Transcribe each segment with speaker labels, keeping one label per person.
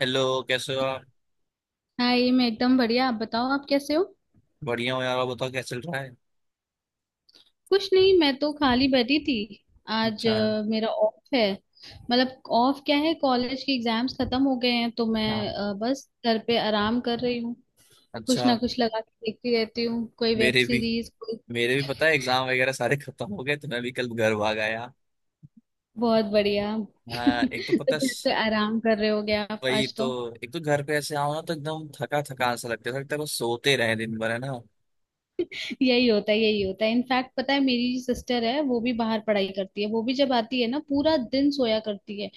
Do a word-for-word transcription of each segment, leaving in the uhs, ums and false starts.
Speaker 1: Hello, कैसे हो आप?
Speaker 2: हाँ, ये मैं एकदम बढ़िया। आप बताओ आप कैसे हो?
Speaker 1: बढ़िया हो यार। आप बताओ क्या चल रहा है?
Speaker 2: कुछ नहीं, मैं तो खाली बैठी थी। आज
Speaker 1: अच्छा।
Speaker 2: अ, मेरा ऑफ है। मतलब ऑफ क्या है, कॉलेज के एग्जाम्स खत्म हो गए हैं तो मैं
Speaker 1: हाँ।
Speaker 2: अ, बस घर पे आराम कर रही हूँ। कुछ
Speaker 1: अच्छा।
Speaker 2: ना कुछ लगा के देखती रहती हूँ, कोई वेब
Speaker 1: मेरे भी
Speaker 2: सीरीज कोई।
Speaker 1: मेरे भी पता है, एग्जाम वगैरह सारे खत्म हो गए तो मैं भी कल घर भाग आया।
Speaker 2: बहुत बढ़िया।
Speaker 1: हाँ। एक तो
Speaker 2: तो
Speaker 1: पता
Speaker 2: घर
Speaker 1: स-
Speaker 2: पे आराम कर रहे होगे आप
Speaker 1: वही
Speaker 2: आज
Speaker 1: तो।
Speaker 2: तो।
Speaker 1: एक तो घर पे ऐसे आओ ना तो एकदम थका थका सा लगता है लगता है बस सोते रहे दिन भर, है ना।
Speaker 2: यही होता है, यही होता है। इनफैक्ट पता है, मेरी सिस्टर है, वो भी बाहर पढ़ाई करती है। वो भी जब आती है ना, पूरा दिन सोया करती है।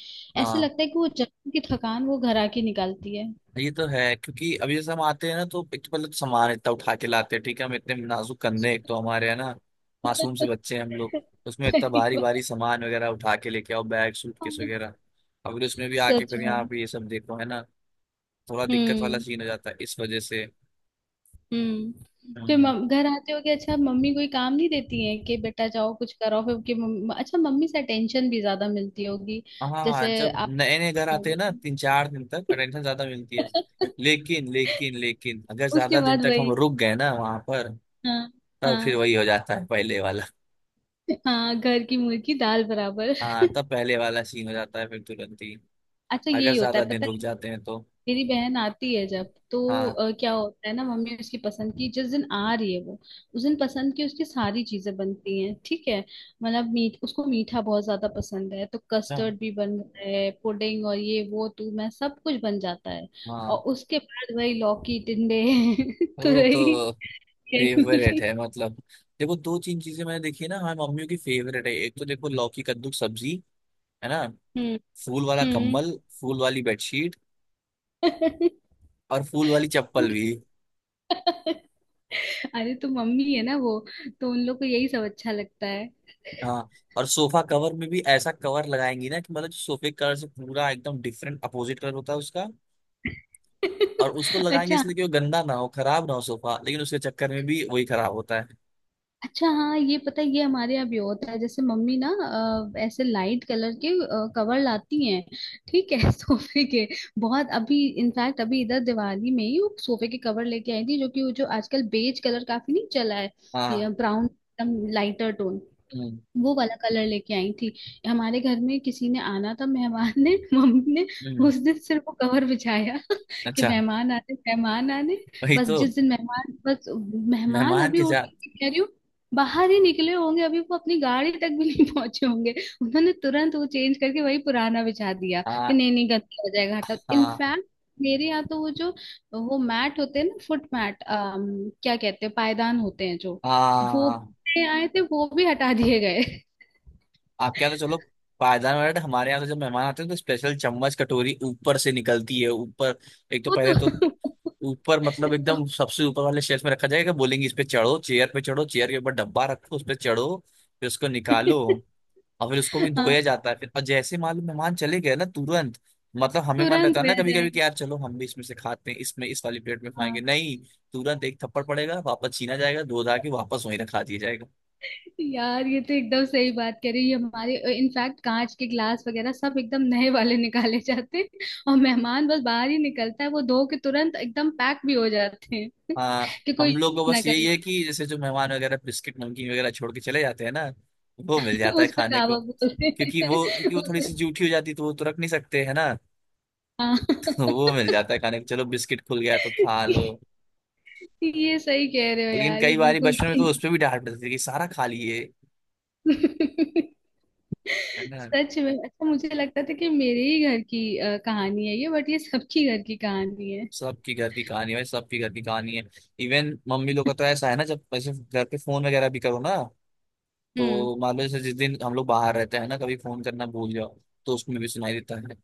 Speaker 2: ऐसे
Speaker 1: हाँ,
Speaker 2: लगता है कि वो जमीन की थकान वो घर आके निकालती है।
Speaker 1: ये तो है क्योंकि अभी जैसे हम आते हैं ना तो एक तो पहले तो सामान इतना उठा के लाते हैं। ठीक है, हम इतने नाजुक कंधे हैं, एक तो हमारे, है ना। मासूम से बच्चे हैं हम लोग, तो उसमें इतना
Speaker 2: सही
Speaker 1: भारी भारी
Speaker 2: बात।
Speaker 1: सामान वगैरह उठा के लेके आओ, बैग सूटकेस वगैरह। अब फिर उसमें भी आके
Speaker 2: सच
Speaker 1: फिर यहाँ
Speaker 2: में।
Speaker 1: पे ये सब देखो, है ना। थोड़ा दिक्कत वाला
Speaker 2: हम्म।
Speaker 1: सीन हो जाता है इस वजह से।
Speaker 2: हम्म। फिर
Speaker 1: हम्म।
Speaker 2: मम, घर आते हो कि अच्छा, मम्मी कोई काम नहीं देती है कि बेटा जाओ कुछ करो। फिर कि मम, अच्छा, मम्मी से अटेंशन भी ज्यादा मिलती होगी
Speaker 1: हाँ,
Speaker 2: जैसे
Speaker 1: जब
Speaker 2: आप
Speaker 1: नए नए घर आते हैं
Speaker 2: होगे।
Speaker 1: ना, तीन चार दिन तक अटेंशन ज्यादा मिलती है। लेकिन लेकिन लेकिन अगर
Speaker 2: उसके
Speaker 1: ज्यादा दिन
Speaker 2: बाद
Speaker 1: तक हम
Speaker 2: वही।
Speaker 1: रुक गए ना वहां पर,
Speaker 2: हाँ।
Speaker 1: तब फिर
Speaker 2: हाँ।
Speaker 1: वही हो जाता है पहले।
Speaker 2: हाँ, घर की मुर्गी दाल बराबर।
Speaker 1: हाँ, तब पहले वाला सीन हो जाता है फिर तुरंत ही।
Speaker 2: अच्छा,
Speaker 1: अगर
Speaker 2: यही होता है
Speaker 1: ज्यादा दिन
Speaker 2: पता
Speaker 1: रुक
Speaker 2: है।
Speaker 1: जाते हैं तो।
Speaker 2: मेरी बहन आती है जब तो
Speaker 1: हाँ।
Speaker 2: अ, क्या होता है ना, मम्मी उसकी पसंद की, जिस दिन आ रही है वो उस दिन पसंद की उसकी सारी चीजें बनती हैं ठीक है। मतलब मीठ उसको मीठा बहुत ज्यादा पसंद है, तो
Speaker 1: अच्छा।
Speaker 2: कस्टर्ड भी बन रहा है, पुडिंग और ये वो तू मैं सब कुछ बन जाता है। और
Speaker 1: हाँ,
Speaker 2: उसके बाद वही लौकी टिंडे। तो
Speaker 1: वो
Speaker 2: वही,
Speaker 1: तो
Speaker 2: यही
Speaker 1: फेवरेट
Speaker 2: मिली।
Speaker 1: है मतलब। देखो, दो तीन चीजें मैंने देखी है ना, हमारी मम्मियों की फेवरेट है। एक तो देखो, लौकी कद्दू की सब्जी। है ना।
Speaker 2: हम्म।
Speaker 1: फूल वाला
Speaker 2: हम्म।
Speaker 1: कम्बल। फूल वाली बेडशीट। और फूल वाली चप्पल
Speaker 2: मुझे
Speaker 1: भी।
Speaker 2: अरे, तो मम्मी है ना वो, तो उन लोग को यही सब अच्छा लगता है।
Speaker 1: हाँ, और सोफा कवर में भी ऐसा कवर लगाएंगी ना कि मतलब जो सोफे कलर से पूरा एकदम डिफरेंट अपोजिट कलर होता है उसका। और उसको लगाएंगे
Speaker 2: अच्छा।
Speaker 1: इसलिए कि वो गंदा ना हो, खराब ना हो सोफा, लेकिन उसके चक्कर में भी वही खराब होता है।
Speaker 2: अच्छा, हाँ ये पता है, ये हमारे यहाँ भी होता है। जैसे मम्मी ना अ, ऐसे लाइट कलर के कवर लाती हैं ठीक है। सोफे के बहुत। अभी इनफैक्ट अभी इधर दिवाली में ही वो सोफे के कवर लेके आई थी, जो कि वो, जो आजकल बेज कलर काफी नहीं चला है,
Speaker 1: हाँ।
Speaker 2: ब्राउन एकदम लाइटर टोन,
Speaker 1: हम्म।
Speaker 2: वो वाला कलर लेके आई थी। हमारे घर में किसी ने आना था, मेहमान ने। मम्मी ने
Speaker 1: हम्म।
Speaker 2: उस दिन सिर्फ वो कवर बिछाया। कि
Speaker 1: अच्छा।
Speaker 2: मेहमान आने, मेहमान आने।
Speaker 1: वही
Speaker 2: बस
Speaker 1: तो।
Speaker 2: जिस दिन मेहमान, बस मेहमान
Speaker 1: मेहमान
Speaker 2: अभी
Speaker 1: के
Speaker 2: उठ
Speaker 1: साथ।
Speaker 2: के कह रही हूँ बाहर ही निकले होंगे, अभी वो अपनी गाड़ी तक भी नहीं पहुंचे होंगे, उन्होंने तुरंत वो चेंज करके वही पुराना बिछा दिया कि
Speaker 1: हाँ,
Speaker 2: नहीं नहीं गंदा हो जाएगा हटा,
Speaker 1: हाँ,
Speaker 2: इनफैक्ट। मेरे यहाँ तो वो जो, वो मैट होते हैं ना, फुट मैट, क्या कहते हैं पायदान होते हैं जो, वो
Speaker 1: हाँ।
Speaker 2: पे आए थे वो भी हटा दिए गए।
Speaker 1: आपके यहाँ तो चलो। पायदान वगैरह, तो हमारे यहाँ तो जब मेहमान आते हैं तो स्पेशल चम्मच कटोरी ऊपर से निकलती है, ऊपर। एक तो
Speaker 2: वो
Speaker 1: पहले
Speaker 2: तो।
Speaker 1: तो। ऊपर मतलब एकदम सबसे ऊपर वाले शेल्फ में रखा जाएगा, बोलेंगे इस पे चढ़ो, चेयर पे चढ़ो, चेयर के ऊपर डब्बा रखो, उस पे चढ़ो। फिर उसको निकालो। और फिर उसको भी
Speaker 2: हाँ,
Speaker 1: धोया जाता है फिर, और जैसे मालूम मेहमान चले गए ना तुरंत। मतलब हमें मन
Speaker 2: तुरंत
Speaker 1: रहता है
Speaker 2: हो
Speaker 1: ना कभी कभी कि
Speaker 2: जाएगा।
Speaker 1: यार चलो हम भी इसमें से खाते हैं, इसमें, इस वाली प्लेट में खाएंगे,
Speaker 2: हाँ।
Speaker 1: नहीं। तुरंत एक थप्पड़ पड़ेगा, वापस छीना जाएगा, धो धा के वापस वहीं रखा दिया जाएगा।
Speaker 2: यार ये तो एकदम सही बात कह रही है। हमारे इनफैक्ट कांच के ग्लास वगैरह सब एकदम नए वाले निकाले जाते हैं, और मेहमान बस बाहर ही निकलता है वो धो के तुरंत एकदम पैक भी हो जाते हैं।
Speaker 1: हाँ,
Speaker 2: कि कोई
Speaker 1: हम लोग
Speaker 2: यूज
Speaker 1: को
Speaker 2: ना
Speaker 1: बस
Speaker 2: कर
Speaker 1: यही है
Speaker 2: ले।
Speaker 1: कि जैसे जो मेहमान वगैरह बिस्किट नमकीन वगैरह छोड़ के चले जाते हैं ना, वो मिल जाता है
Speaker 2: उस पे
Speaker 1: खाने को।
Speaker 2: दावा बोलते
Speaker 1: क्योंकि वो
Speaker 2: हैं।
Speaker 1: क्योंकि वो
Speaker 2: उस
Speaker 1: थोड़ी सी जूठी हो जाती है, तो वो तो रख नहीं सकते, है ना।
Speaker 2: हाँ।
Speaker 1: तो वो मिल जाता है खाने को, चलो बिस्किट खुल गया तो खा लो।
Speaker 2: ये सही कह रहे हो
Speaker 1: लेकिन
Speaker 2: यार, ये
Speaker 1: कई बार
Speaker 2: बिल्कुल
Speaker 1: बचपन में
Speaker 2: सही
Speaker 1: तो उस
Speaker 2: बात।
Speaker 1: पर भी डांट पड़ती थी कि सारा खा लिए। है ना।
Speaker 2: सच में। अच्छा, मुझे लगता था कि मेरे ही घर की अ, कहानी है ये, बट ये सबकी घर की कहानी है।
Speaker 1: सबकी घर की कहानी है भाई, सबकी घर की कहानी है। इवन मम्मी लोग का तो ऐसा है ना, जब वैसे घर पे फोन वगैरह भी करो ना,
Speaker 2: हम्म।
Speaker 1: तो मान लो जैसे जिस दिन हम लोग बाहर रहते हैं ना, कभी फोन करना भूल जाओ, तो उसमें भी सुनाई देता है।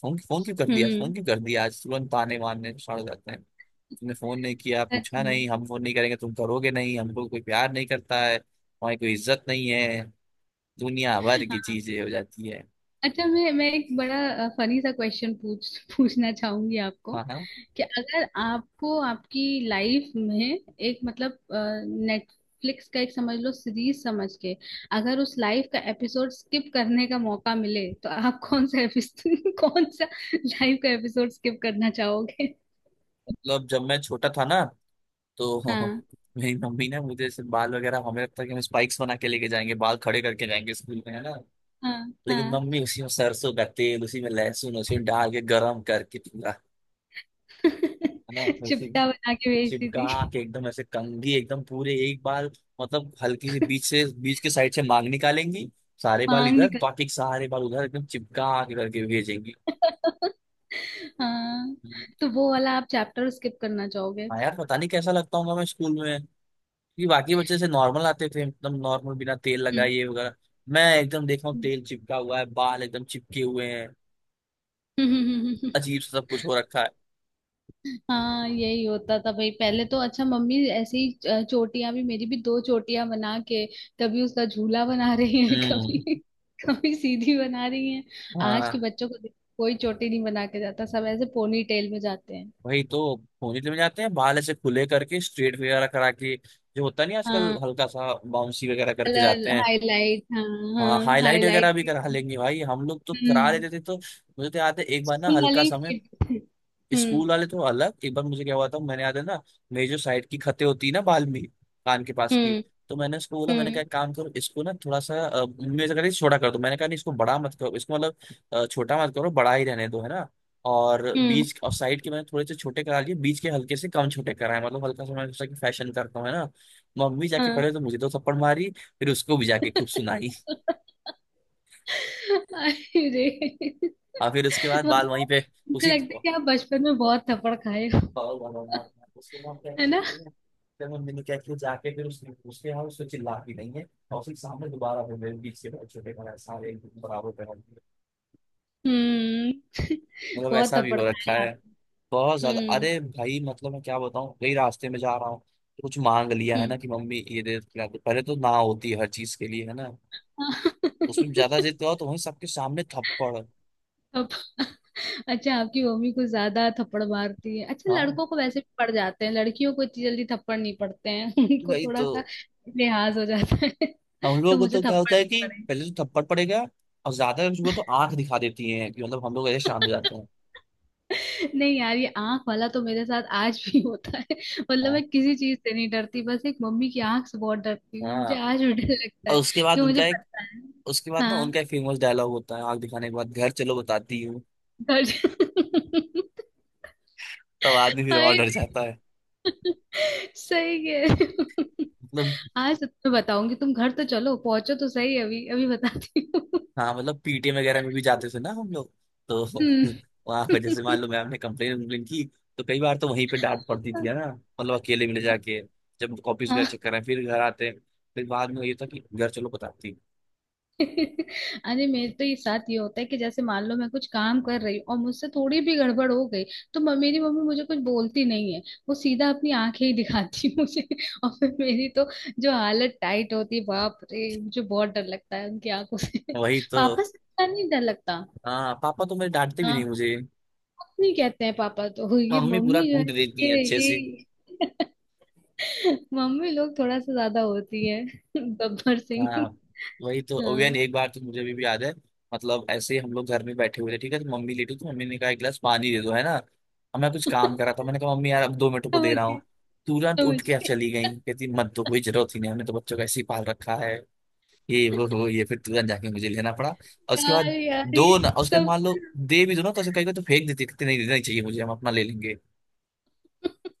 Speaker 1: फोन, फोन क्यों कर दिया, फोन
Speaker 2: हम्म।
Speaker 1: क्यों कर दिया आज, तुरंत ताने मारने सड़ जाते हैं। तुमने फोन नहीं किया, पूछा
Speaker 2: अच्छा।
Speaker 1: नहीं, हम फोन नहीं करेंगे, तुम करोगे नहीं, हमको कोई प्यार नहीं करता है, हमारी कोई इज्जत नहीं है। दुनिया भर की
Speaker 2: हाँ।
Speaker 1: चीजें हो जाती है।
Speaker 2: अच्छा, मैं मैं एक बड़ा फनी सा क्वेश्चन पूछ पूछना चाहूंगी आपको
Speaker 1: हाँ, हाँ।
Speaker 2: कि अगर आपको आपकी लाइफ में एक, मतलब नेटफ्लिक्स का एक समझ लो, सीरीज समझ के, अगर उस लाइफ का एपिसोड स्किप करने का मौका मिले तो आप कौन सा एपिसोड कौन सा लाइफ का एपिसोड स्किप करना चाहोगे?
Speaker 1: मतलब जब मैं छोटा था ना तो,
Speaker 2: हाँ।
Speaker 1: मेरी मम्मी ने मुझे ऐसे बाल वगैरह, हमें लगता है कि हम स्पाइक्स बना के लेके जाएंगे, बाल खड़े करके जाएंगे स्कूल में, है ना।
Speaker 2: हाँ।
Speaker 1: लेकिन
Speaker 2: हाँ।
Speaker 1: मम्मी उसी में सरसों का तेल, उसी में लहसुन वहसुन डाल के गरम करके पूरा, है ना, उसी में
Speaker 2: चिपटा बना के भेजती
Speaker 1: चिपका
Speaker 2: थी
Speaker 1: के एकदम ऐसे कंघी एकदम पूरे एक बाल, मतलब हल्की सी बीच से, बीच के साइड से मांग निकालेंगी। सारे बाल
Speaker 2: मांग।
Speaker 1: इधर, बाकी के सारे बाल उधर, एकदम चिपका के करके भेजेंगी।
Speaker 2: हाँ, तो वो वाला आप चैप्टर स्किप करना चाहोगे?
Speaker 1: हाँ यार, पता नहीं कैसा लगता हूँ मैं स्कूल में। कि बाकी बच्चे से नॉर्मल आते थे, एकदम नॉर्मल बिना तेल
Speaker 2: हम्म।
Speaker 1: लगाए ये वगैरह। मैं एकदम देखा हूँ, तेल चिपका हुआ है, बाल एकदम चिपके हुए हैं।
Speaker 2: हम्म।
Speaker 1: अजीब सा सब कुछ हो रखा है।
Speaker 2: हाँ, यही होता था भाई पहले तो। अच्छा, मम्मी ऐसे ही अ, चोटियां भी, मेरी भी दो चोटियां बना के, कभी उसका झूला बना रही है
Speaker 1: हम्म।
Speaker 2: कभी, कभी सीधी बना रही है। आज के
Speaker 1: हाँ,
Speaker 2: बच्चों को देखो, कोई चोटी नहीं बना के जाता, सब ऐसे पोनी टेल में जाते हैं।
Speaker 1: वही तो। पोनीटेल में जाते हैं, बाल ऐसे खुले करके, स्ट्रेट वगैरह करा के जो होता नहीं आजकल,
Speaker 2: हाँ,
Speaker 1: हल्का सा बाउंसी वगैरह करके
Speaker 2: कलर
Speaker 1: जाते हैं।
Speaker 2: हाईलाइट। हाँ।
Speaker 1: हाँ,
Speaker 2: हाँ,
Speaker 1: हाईलाइट वगैरह
Speaker 2: हाईलाइट
Speaker 1: भी
Speaker 2: भी।
Speaker 1: करा लेंगे भाई, हम लोग तो करा
Speaker 2: हम्म।
Speaker 1: लेते थे। तो मुझे तो याद है, एक बार ना
Speaker 2: स्कूल
Speaker 1: हल्का
Speaker 2: वाली।
Speaker 1: सा मैं,
Speaker 2: हम्म।
Speaker 1: स्कूल वाले तो अलग। एक बार मुझे क्या हुआ था, मैंने याद है ना। मेरी जो साइड की खतें होती है ना बाल में, कान के पास की।
Speaker 2: हम्म।
Speaker 1: तो मैंने उसको बोला, मैंने कहा
Speaker 2: हम्म।
Speaker 1: एक काम करो इसको ना थोड़ा सा अ, मम्मी ऐसा कर रही छोटा कर दो। मैंने कहा नहीं इसको बड़ा मत करो, इसको मतलब, अ, छोटा मत करो, बड़ा ही रहने दो, है ना। और
Speaker 2: हम्म।
Speaker 1: बीच और साइड के मैंने थोड़े से छोटे करा लिए, बीच के हल्के से कम छोटे कराए, मतलब हल्का सा मैंने सोचा कि फैशन करता हूँ, है ना। मम्मी जाके
Speaker 2: हाँ।
Speaker 1: पहले तो मुझे दो थप्पड़ मारी। फिर उसको भी जाके खूब सुनाई।
Speaker 2: अरे,
Speaker 1: और फिर उसके बाद बाल
Speaker 2: मतलब
Speaker 1: वहीं पे,
Speaker 2: मुझे
Speaker 1: उसी
Speaker 2: लगता है कि आप बचपन में बहुत थप्पड़ खाए हो,
Speaker 1: और वाला, मार मार उसको, मार क्या
Speaker 2: है ना?
Speaker 1: करती है। फिर मम्मी ने क्या किया, जाके फिर उसने उसके यहाँ उसको चिल्लाती नहीं है। और उसके सामने दोबारा फिर मेरे बीच के भाई छोटे का सारे एक दूसरे बराबर पहन दिए।
Speaker 2: हम्म।
Speaker 1: मतलब
Speaker 2: बहुत
Speaker 1: ऐसा भी
Speaker 2: थप्पड़
Speaker 1: हो रखा
Speaker 2: खाए
Speaker 1: है।
Speaker 2: आप।
Speaker 1: बहुत ज्यादा,
Speaker 2: हम्म।
Speaker 1: अरे भाई मतलब मैं क्या बताऊँ, कई रास्ते में जा रहा हूँ तो कुछ मांग लिया है
Speaker 2: हम्म।
Speaker 1: ना, कि मम्मी ये दे दो, खिला दो। पहले तो ना होती है हर चीज के लिए, है ना। उसमें ज्यादा जिद करो तो वहीं सबके सामने थप्पड़।
Speaker 2: अब- अच्छा, आपकी मम्मी कुछ ज्यादा थप्पड़ मारती है। अच्छा,
Speaker 1: हाँ
Speaker 2: लड़कों को वैसे भी पड़ जाते हैं, लड़कियों को इतनी जल्दी थप्पड़ नहीं पड़ते हैं उनको
Speaker 1: भाई,
Speaker 2: थोड़ा
Speaker 1: तो
Speaker 2: सा लिहाज हो जाता है।
Speaker 1: हम
Speaker 2: तो
Speaker 1: लोगों को
Speaker 2: मुझे
Speaker 1: तो क्या
Speaker 2: थप्पड़
Speaker 1: होता है
Speaker 2: नहीं
Speaker 1: कि
Speaker 2: पड़े।
Speaker 1: पहले तो थप्पड़ पड़ेगा। और ज्यादा कुछ हुआ तो आंख दिखा देती है, कि मतलब हम लोग ऐसे शांत हो जाते हैं।
Speaker 2: नहीं यार, ये आंख वाला तो मेरे साथ आज भी होता है। मतलब
Speaker 1: हाँ,
Speaker 2: मैं किसी चीज से नहीं डरती, बस एक मम्मी की आंख से बहुत डरती हूँ, मुझे
Speaker 1: हाँ।
Speaker 2: आज भी डर लगता
Speaker 1: और
Speaker 2: है
Speaker 1: उसके
Speaker 2: कि
Speaker 1: बाद
Speaker 2: मुझे
Speaker 1: उनका एक,
Speaker 2: पता है।
Speaker 1: उसके बाद ना
Speaker 2: हाँ,
Speaker 1: उनका एक फेमस डायलॉग होता है, आग दिखाने के बाद, घर चलो बताती हूँ।
Speaker 2: डर।
Speaker 1: तब आदमी फिर और
Speaker 2: हाय,
Speaker 1: डर जाता है।
Speaker 2: सही है।
Speaker 1: मतलब।
Speaker 2: आज तो तुम्हें बताऊंगी, तुम घर तो चलो, पहुंचो तो सही, अभी अभी बताती हूँ।
Speaker 1: हाँ, मतलब पी टी एम वगैरह में भी जाते थे ना हम लोग, तो
Speaker 2: हम्म।
Speaker 1: वहां पर जैसे मान लो मैम ने कंप्लेन कंप्लेन की। तो कई बार तो वहीं पे डांट पड़ती थी, है ना। मतलब अकेले में ले जाके, जब कॉपीज
Speaker 2: हाँ,
Speaker 1: वगैरह चेक कर रहे हैं, फिर घर आते हैं। फिर बाद में ये था कि घर चलो बताती
Speaker 2: अरे मेरे तो ये साथ ये होता है कि जैसे मान लो मैं कुछ काम कर रही हूँ और मुझसे थोड़ी भी गड़बड़ हो गई, तो म- मेरी मम्मी मुझे कुछ बोलती नहीं है, वो सीधा अपनी आंखें ही दिखाती है मुझे। और फिर मेरी तो जो हालत टाइट होती है, बाप रे, मुझे बहुत डर लगता है उनकी आंखों से।
Speaker 1: हूँ। वही तो।
Speaker 2: पापा से इतना नहीं डर लगता।
Speaker 1: हाँ, पापा तो मेरे डांटते भी नहीं
Speaker 2: हाँ,
Speaker 1: मुझे।
Speaker 2: कुछ नहीं कहते हैं पापा तो। ये
Speaker 1: मम्मी पूरा
Speaker 2: मम्मी जो है,
Speaker 1: कूट देती है
Speaker 2: ये
Speaker 1: अच्छे से।
Speaker 2: ये मम्मी लोग थोड़ा सा ज्यादा होती है, गब्बर सिंह।
Speaker 1: हाँ, वही तो। ओवेन
Speaker 2: हाँ।
Speaker 1: एक बार तो मुझे अभी भी याद है। मतलब ऐसे ही हम लोग घर में बैठे हुए थे, ठीक है तो मम्मी लेटी, तो मम्मी ने कहा एक गिलास पानी दे दो, है ना। अब मैं कुछ काम कर रहा था, मैंने कहा मम्मी यार अब दो मिनट को दे रहा हूँ।
Speaker 2: समझिए,
Speaker 1: तुरंत उठ के
Speaker 2: समझिए।
Speaker 1: चली गई, कहती मत दो, कोई जरूरत ही नहीं, हमने तो बच्चों को ऐसे ही पाल रखा है। ये वो हो ये, फिर तुरंत जाके मुझे लेना पड़ा, और उसके
Speaker 2: यार
Speaker 1: बाद,
Speaker 2: यार
Speaker 1: दो ना,
Speaker 2: ये
Speaker 1: और उसके बाद
Speaker 2: सब।
Speaker 1: मान लो दे भी दो ना, तो ऐसे कहीं को तो फेंक देती, कहती नहीं देना ही चाहिए मुझे, हम अपना ले लेंगे।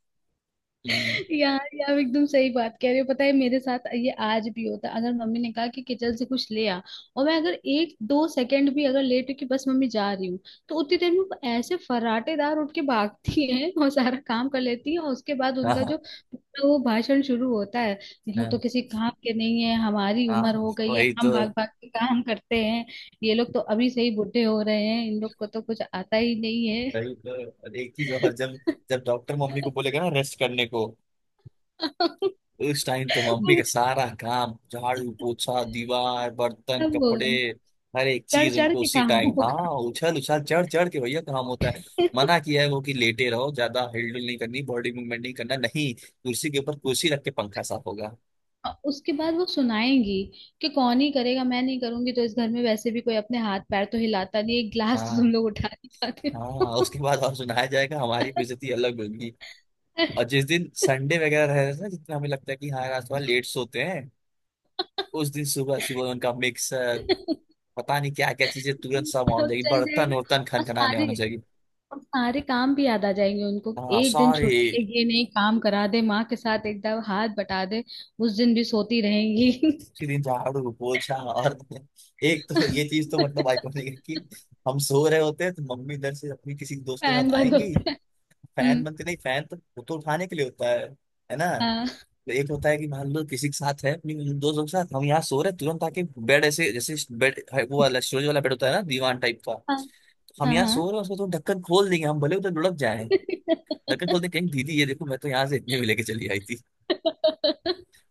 Speaker 1: हम्म।
Speaker 2: यार ये आप एकदम सही बात कह रहे हो, पता है मेरे साथ ये आज भी होता है। अगर मम्मी ने कहा कि किचन से कुछ ले आ, और मैं अगर एक दो सेकंड भी अगर लेट हुई कि बस मम्मी जा रही हूँ, तो उतनी देर में वो ऐसे फर्राटेदार उठ के भागती है और सारा काम कर लेती है। और उसके बाद
Speaker 1: हाँ,
Speaker 2: उनका जो
Speaker 1: हाँ,
Speaker 2: पूरा वो भाषण शुरू होता है, ये लोग तो किसी काम के नहीं है, हमारी
Speaker 1: हाँ,
Speaker 2: उम्र हो गई है,
Speaker 1: वही
Speaker 2: हम भाग
Speaker 1: तो,
Speaker 2: भाग के काम करते हैं, ये लोग तो अभी से ही बूढ़े हो रहे हैं, इन लोग को तो कुछ आता ही नहीं
Speaker 1: वही तो। और एक चीज,
Speaker 2: है।
Speaker 1: और जब, जब डॉक्टर मम्मी को
Speaker 2: वो
Speaker 1: बोलेगा ना रेस्ट करने को, उस टाइम तो मम्मी का सारा काम, झाड़ू पोछा, दीवार, बर्तन,
Speaker 2: सब
Speaker 1: कपड़े, हर एक
Speaker 2: चढ़
Speaker 1: चीज
Speaker 2: चढ़
Speaker 1: उनको
Speaker 2: के
Speaker 1: उसी
Speaker 2: काम
Speaker 1: टाइम,
Speaker 2: होगा।
Speaker 1: हाँ, उछल उछल चढ़ चढ़ के भैया काम होता है। मना किया है वो कि लेटे रहो, ज्यादा हिलडुल नहीं करनी, बॉडी मूवमेंट नहीं करना, नहीं कुर्सी के ऊपर कुर्सी रख के पंखा साफ होगा।
Speaker 2: और उसके बाद वो सुनाएंगी कि कौन ही करेगा, मैं नहीं करूंगी तो, इस घर में वैसे भी कोई अपने हाथ पैर तो हिलाता नहीं, एक गिलास तो
Speaker 1: हाँ,
Speaker 2: तुम लोग उठा नहीं पाते
Speaker 1: हाँ, उसके
Speaker 2: हो।
Speaker 1: बाद और सुनाया जाएगा, हमारी बेइज्जती अलग होगी। और जिस दिन संडे वगैरह रह रहा है ना, जितना हमें लगता है कि हाँ रात भर लेट सोते हैं, उस दिन सुबह सुबह उनका मिक्सर, पता नहीं क्या क्या चीजें, तुरंत सब होना
Speaker 2: सब
Speaker 1: चाहिए,
Speaker 2: चल
Speaker 1: बर्तन
Speaker 2: जाएगा।
Speaker 1: उर्तन
Speaker 2: और
Speaker 1: खनखनाने होना
Speaker 2: सारे
Speaker 1: चाहिए।
Speaker 2: और सारे काम भी याद आ जाएंगे उनको कि
Speaker 1: हाँ
Speaker 2: एक दिन
Speaker 1: सारे
Speaker 2: छुट्टी है, ये नहीं काम करा दे माँ के साथ, एकदम हाथ बटा दे, उस दिन भी सोती
Speaker 1: उसी दिन झाड़ू पोछा और एक तो ये चीज तो मतलब
Speaker 2: रहेंगी।
Speaker 1: आइकॉनिक है कि, हम सो रहे होते हैं तो मम्मी इधर से अपनी किसी दोस्त के
Speaker 2: फैन
Speaker 1: साथ
Speaker 2: वर्ड
Speaker 1: आएंगी।
Speaker 2: होता है।
Speaker 1: फैन
Speaker 2: हम्म।
Speaker 1: बनते नहीं, फैन तो वो तो उठाने के लिए होता है। है ना।
Speaker 2: हाँ।
Speaker 1: तो एक होता है कि मान लो किसी के साथ है अपनी दोस्तों के साथ, हम यहाँ सो रहे हैं, तुरंत आके बेड, ऐसे जैसे बेड, वो वाला स्टोरेज वाला बेड होता है ना, दीवान टाइप का।
Speaker 2: हाँ।
Speaker 1: हम
Speaker 2: हाँ।
Speaker 1: यहाँ
Speaker 2: हाँ।
Speaker 1: सो रहे हैं, उसको तो ढक्कन खोल देंगे, हम भले उधर लुढ़क जाए। नकल खोलने कहीं, दीदी ये देखो मैं तो यहाँ से इतने में लेके चली आई थी।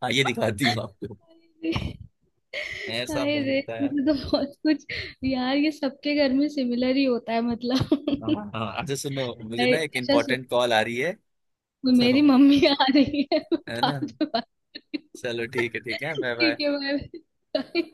Speaker 1: हाँ, ये दिखाती हूँ आपको।
Speaker 2: हाय रे।
Speaker 1: ऐसा
Speaker 2: हाय
Speaker 1: नहीं
Speaker 2: रे,
Speaker 1: होता है।
Speaker 2: मुझे तो बहुत कुछ। यार ये सबके घर में सिमिलर ही होता है
Speaker 1: हाँ
Speaker 2: मतलब।
Speaker 1: हाँ, अच्छा सुनो, मुझे
Speaker 2: अरे,
Speaker 1: ना एक
Speaker 2: अच्छा, सु,
Speaker 1: इम्पोर्टेंट कॉल आ रही है।
Speaker 2: मेरी
Speaker 1: तो,
Speaker 2: मम्मी आ रही है,
Speaker 1: है ना।
Speaker 2: बाद में बात करती
Speaker 1: चलो ठीक है, ठीक है,
Speaker 2: हूँ।
Speaker 1: Bye bye.
Speaker 2: ठीक है, बाय।